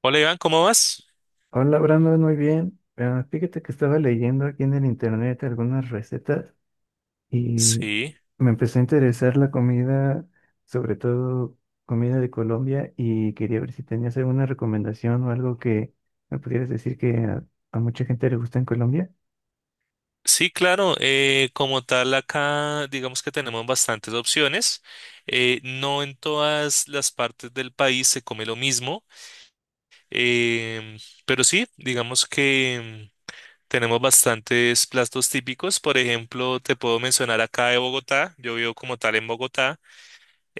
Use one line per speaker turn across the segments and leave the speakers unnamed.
Hola Iván, ¿cómo vas?
Hola Brandon, muy bien. Ah, fíjate que estaba leyendo aquí en el internet algunas recetas y
Sí,
me empezó a interesar la comida, sobre todo comida de Colombia, y quería ver si tenías alguna recomendación o algo que me pudieras decir que a mucha gente le gusta en Colombia.
sí, claro. Como tal, acá digamos que tenemos bastantes opciones. No en todas las partes del país se come lo mismo, em, pero sí, digamos que tenemos bastantes platos típicos. Por ejemplo, te puedo mencionar acá de Bogotá. Yo vivo como tal en Bogotá.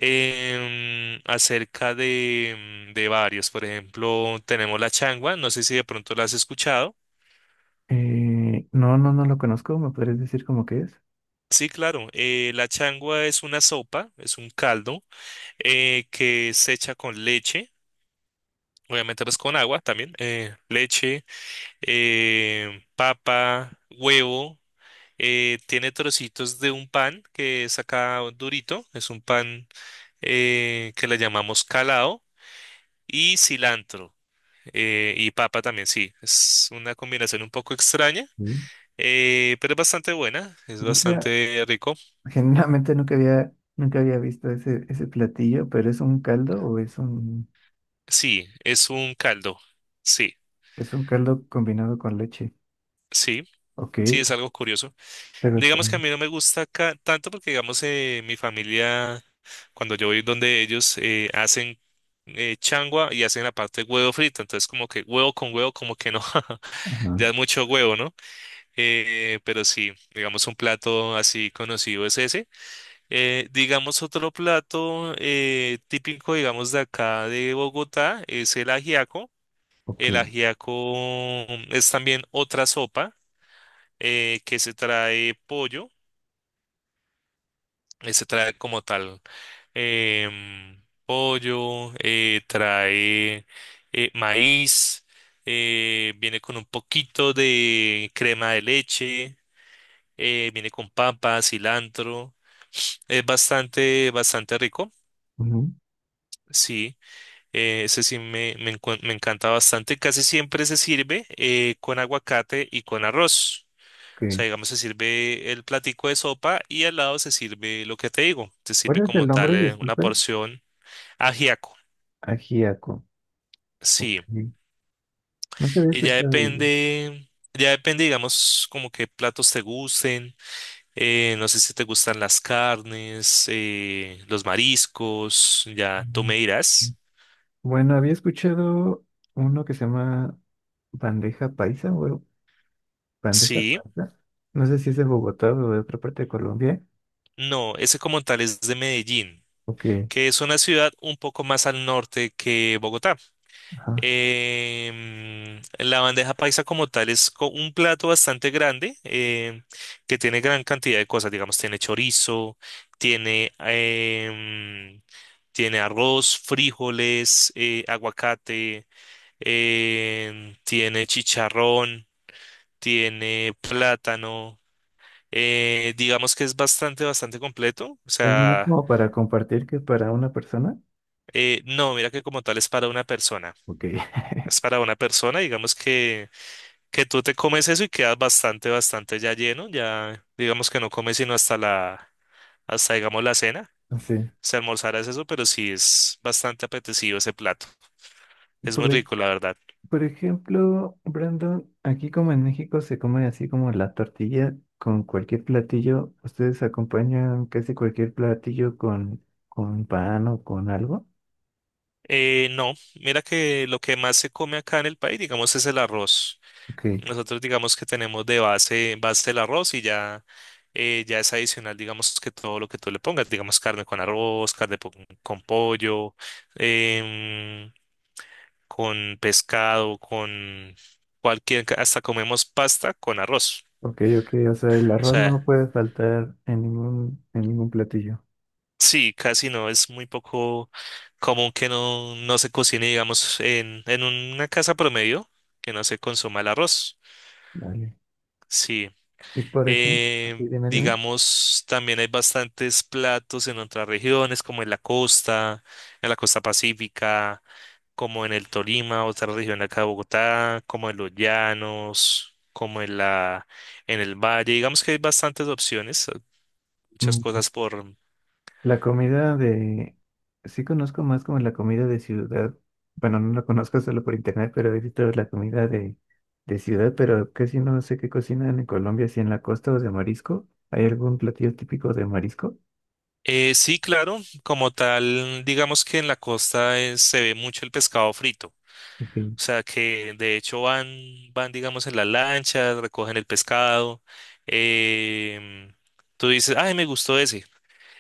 Acerca de, de varios. Por ejemplo, tenemos la changua. No sé si de pronto la has escuchado.
No, no, no lo conozco. ¿Me podrías decir cómo que es?
Sí, claro. La changua es una sopa, es un caldo que se echa con leche, obviamente pues con agua también, leche, papa, huevo. Tiene trocitos de un pan que es acá durito, es un pan que le llamamos calao, y cilantro y papa también, sí. Es una combinación un poco extraña,
Mm.
pero es bastante buena, es
Nunca,
bastante rico.
generalmente nunca había visto ese platillo, pero ¿es un caldo o es
Sí, es un caldo. Sí.
es un caldo combinado con leche?
Sí,
Ok,
sí, es algo curioso.
pero
Digamos que a
extraño.
mí no me gusta tanto porque, digamos, mi familia, cuando yo voy donde ellos hacen changua y hacen la parte de huevo frito, entonces como que huevo con huevo, como que no,
Ajá,
ya es mucho huevo, ¿no? Pero sí, digamos, un plato así conocido es ese. Digamos, otro plato típico, digamos, de acá de Bogotá es el ajiaco.
ok,
El ajiaco es también otra sopa que se trae pollo, se trae como tal pollo, trae maíz, viene con un poquito de crema de leche, viene con papa, cilantro, es bastante, bastante rico.
ujú,
Sí, ese sí me encanta bastante. Casi siempre se sirve con aguacate y con arroz. O sea,
ok.
digamos, se sirve el platico de sopa y al lado se sirve lo que te digo. Se
¿Cuál
sirve
es el
como tal
nombre?
una
Disculpe.
porción ajiaco.
Ajíaco.
Sí.
Ok. Nunca había
Y
escuchado de ello.
ya depende, digamos, como qué platos te gusten. No sé si te gustan las carnes, los mariscos. Ya tú
Ujú.
me dirás.
Bueno, había escuchado uno que se llama bandeja paisa o algo- bandeja
Sí.
paisa. No sé si es de Bogotá o de otra parte de Colombia.
No, ese como tal es de Medellín,
Ok,
que es una ciudad un poco más al norte que Bogotá.
ajá.
La bandeja paisa como tal un plato bastante grande que tiene gran cantidad de cosas, digamos, tiene chorizo, tiene, tiene arroz, frijoles, aguacate, tiene chicharrón, tiene plátano, digamos que es bastante, bastante completo, o
Es más
sea,
como para compartir que para una persona.
no, mira que como tal es para una persona,
Ok.
es para una persona, digamos que tú te comes eso y quedas bastante, bastante ya lleno, ya digamos que no comes sino hasta hasta digamos la cena,
Sí.
si almorzaras eso, pero sí es bastante apetecido ese plato, es muy
Por, e-
rico la verdad.
Por ejemplo, Brandon, aquí como en México se come así como la tortilla con cualquier platillo. ¿Ustedes acompañan casi cualquier platillo con pan o con algo?
No, mira que lo que más se come acá en el país, digamos, es el arroz.
Ok,
Nosotros digamos que tenemos de base, base el arroz y ya, ya es adicional, digamos que todo lo que tú le pongas, digamos carne con arroz, con pollo, em, con pescado, con cualquier, hasta comemos pasta con arroz.
ok, ok. O sea,
O
el arroz
sea,
no puede faltar en en ningún platillo.
sí, casi no, es muy poco común que no, no se cocine, digamos, en una casa promedio, que no se consuma el arroz.
Vale.
Sí.
Y por ejemplo, dime, dime.
Digamos, también hay bastantes platos en otras regiones, como en la costa pacífica. Como en el Tolima, otra región de acá de Bogotá, como en los llanos, como en en el valle. Digamos que hay bastantes opciones, muchas
Mm.
cosas por...
La comida de... Sí conozco más como la comida de ciudad. Bueno, no la conozco solo por internet, pero he visto la comida de ciudad, pero casi no sé qué cocinan en Colombia, si en la costa o de marisco. ¿Hay algún platillo típico de marisco?
Sí, claro, como tal, digamos que en la costa se ve mucho el pescado frito. O
Ok.
sea que de hecho van, van, digamos, en la lancha, recogen el pescado. em, Tú dices, ay, me gustó ese.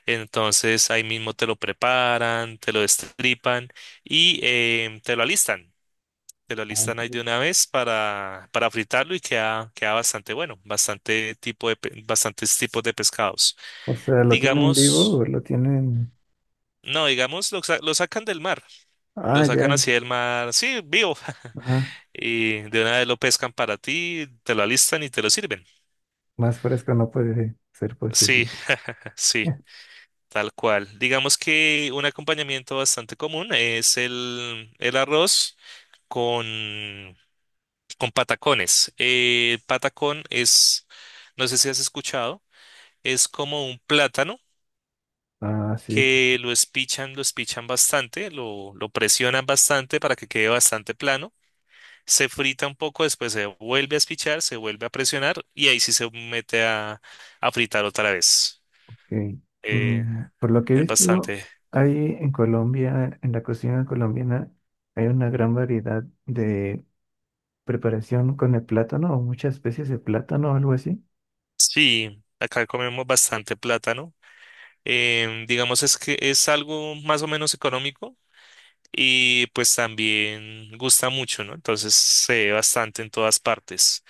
Entonces ahí mismo te lo preparan, te lo destripan y te lo alistan. Te lo
Ah,
listan ahí de
ok.
una vez para fritarlo y queda, queda bastante bueno, bastante tipo de, bastantes tipos de pescados.
O sea, ¿lo tienen vivo o
Digamos,
lo tienen...
no, digamos, lo sacan del mar, lo
Ah,
sacan
ya.
así del mar, sí, vivo,
Ah,
y de una vez lo pescan para ti, te lo alistan y te lo sirven.
más fresco no puede ser posible.
Sí, sí, tal cual. Digamos que un acompañamiento bastante común es el arroz con, con patacones. Patacón es, no sé si has escuchado. Es como un plátano
Ah, sí.
que lo espichan bastante, lo presionan bastante para que quede bastante plano. Se frita un poco, después se vuelve a espichar, se vuelve a presionar y ahí sí se mete a fritar otra vez.
Ok.
Eh,
Mm, por lo que he
es
visto,
bastante.
hay en Colombia, en la cocina colombiana, hay una gran variedad de preparación con el plátano o muchas especies de plátano o algo así.
Sí, acá comemos bastante plátano. Digamos es que es algo más o menos económico y pues también gusta mucho, ¿no? Entonces se ve bastante en todas partes.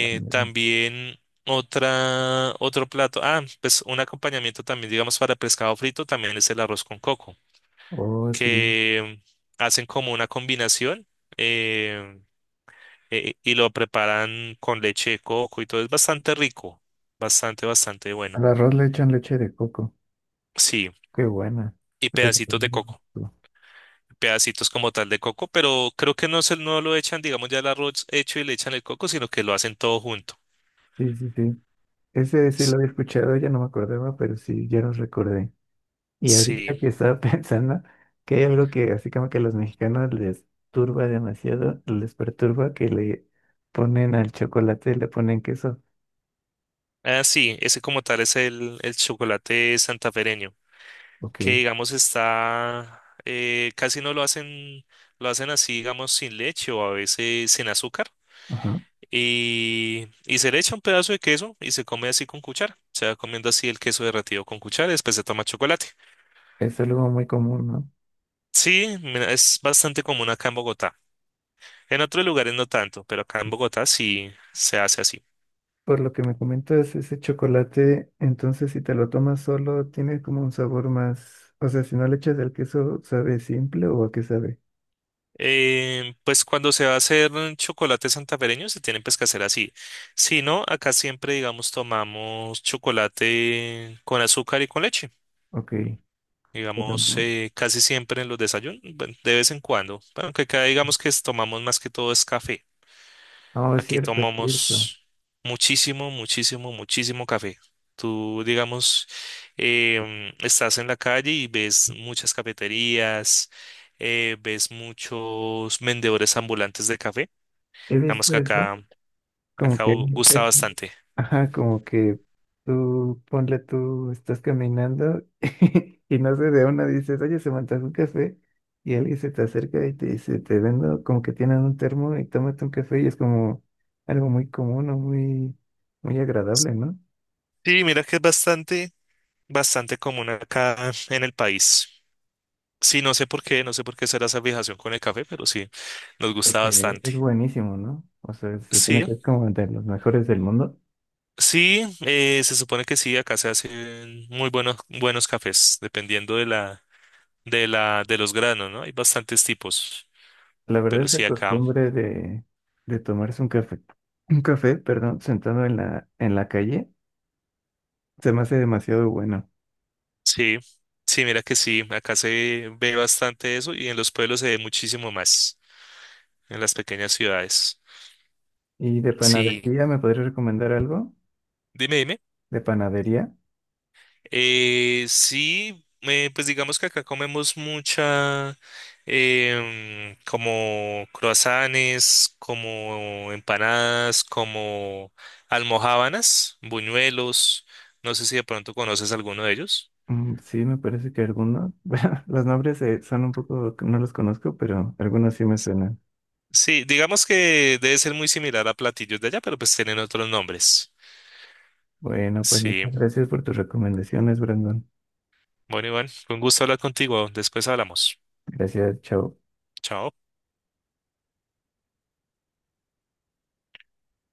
Ah, mira.
También otro plato. Ah, pues un acompañamiento también, digamos, para pescado frito también es el arroz con coco,
Oh, sí.
que hacen como una combinación eh, y lo preparan con leche de coco y todo. Es bastante rico, bastante, bastante
Al
bueno.
arroz le echan leche de coco.
Sí,
Qué buena.
y pedacitos de coco. Pedacitos como tal de coco, pero creo que no se no lo echan, digamos, ya el arroz hecho y le echan el coco, sino que lo hacen todo junto.
Sí, sí, sí. Ese sí lo
S-
había escuchado, ya no me acordaba, pero sí, ya lo recordé. Y ahorita
Sí.
que estaba pensando que hay algo que así como que a los mexicanos les perturba que le ponen al chocolate, le ponen queso.
Ah, sí, ese como tal es el chocolate santafereño,
Ok.
que digamos está, casi no lo hacen, lo hacen así, digamos, sin leche o a veces sin azúcar.
Ajá.
Y se le echa un pedazo de queso y se come así con cuchara. Se va comiendo así el queso derretido con cuchara y después se toma chocolate.
Es algo muy común, ¿no?
Sí, mira, es bastante común acá en Bogotá. En otros lugares no tanto, pero acá en Bogotá sí se hace así.
Por lo que me comentas, ese chocolate, entonces si te lo tomas solo, tiene como un sabor más, o sea, si no le echas el queso, ¿sabe simple o a qué sabe?
Pues cuando se va a hacer un chocolate santafereño se tienen pues que hacer así. Si no, acá siempre, digamos, tomamos chocolate con azúcar y con leche.
Ok. Pero
Digamos,
no,
casi siempre en los desayunos, bueno, de vez en cuando. Bueno, aunque acá digamos que tomamos más que todo es café.
no, es
Aquí
cierto, es cierto.
tomamos muchísimo, muchísimo, muchísimo café. Tú, digamos, estás en la calle y ves muchas cafeterías, ves muchos vendedores ambulantes de café.
He
Digamos que
visto eso,
acá,
como que mucha
gusta bastante.
Ajá, como que tú, ponle tú, estás caminando y no sé, de una dices, oye, se me antoja un café y alguien se te acerca y te dice, te vendo como que tienen un termo y tómate un café y es como algo muy común o muy, muy agradable, ¿no?
Sí, mira que es bastante, bastante común acá en el país. Sí, no sé por qué, no sé por qué será esa fijación con el café, pero sí, nos gusta
Porque
bastante.
es buenísimo, ¿no? O sea, se supone
Sí,
que es como de los mejores del mundo.
sí, se supone que sí, acá se hacen muy buenos, buenos cafés, dependiendo de la, de los granos, ¿no? Hay bastantes tipos,
La verdad
pero
es la
sí, acá,
costumbre de tomarse un café, perdón, sentado en en la calle, se me hace demasiado bueno.
sí, sí, mira que sí, acá se ve bastante eso y en los pueblos se ve muchísimo más, en las pequeñas ciudades.
¿Y de
Sí.
panadería me podrías recomendar algo?
Dime, dime.
¿De panadería?
Sí, pues digamos que acá comemos mucha, como croissants, como empanadas, como almojábanas, buñuelos. No sé si de pronto conoces alguno de ellos.
Mm, sí, me parece que algunos. Bueno, los nombres son un poco, no los conozco, pero algunos sí me suenan.
Sí, digamos que debe ser muy similar a platillos de allá, pero pues tienen otros nombres.
Bueno, pues
Sí,
muchas gracias por tus recomendaciones, Brandon.
bueno, Iván, fue un gusto hablar contigo. Después hablamos.
Gracias, chao.
Chao.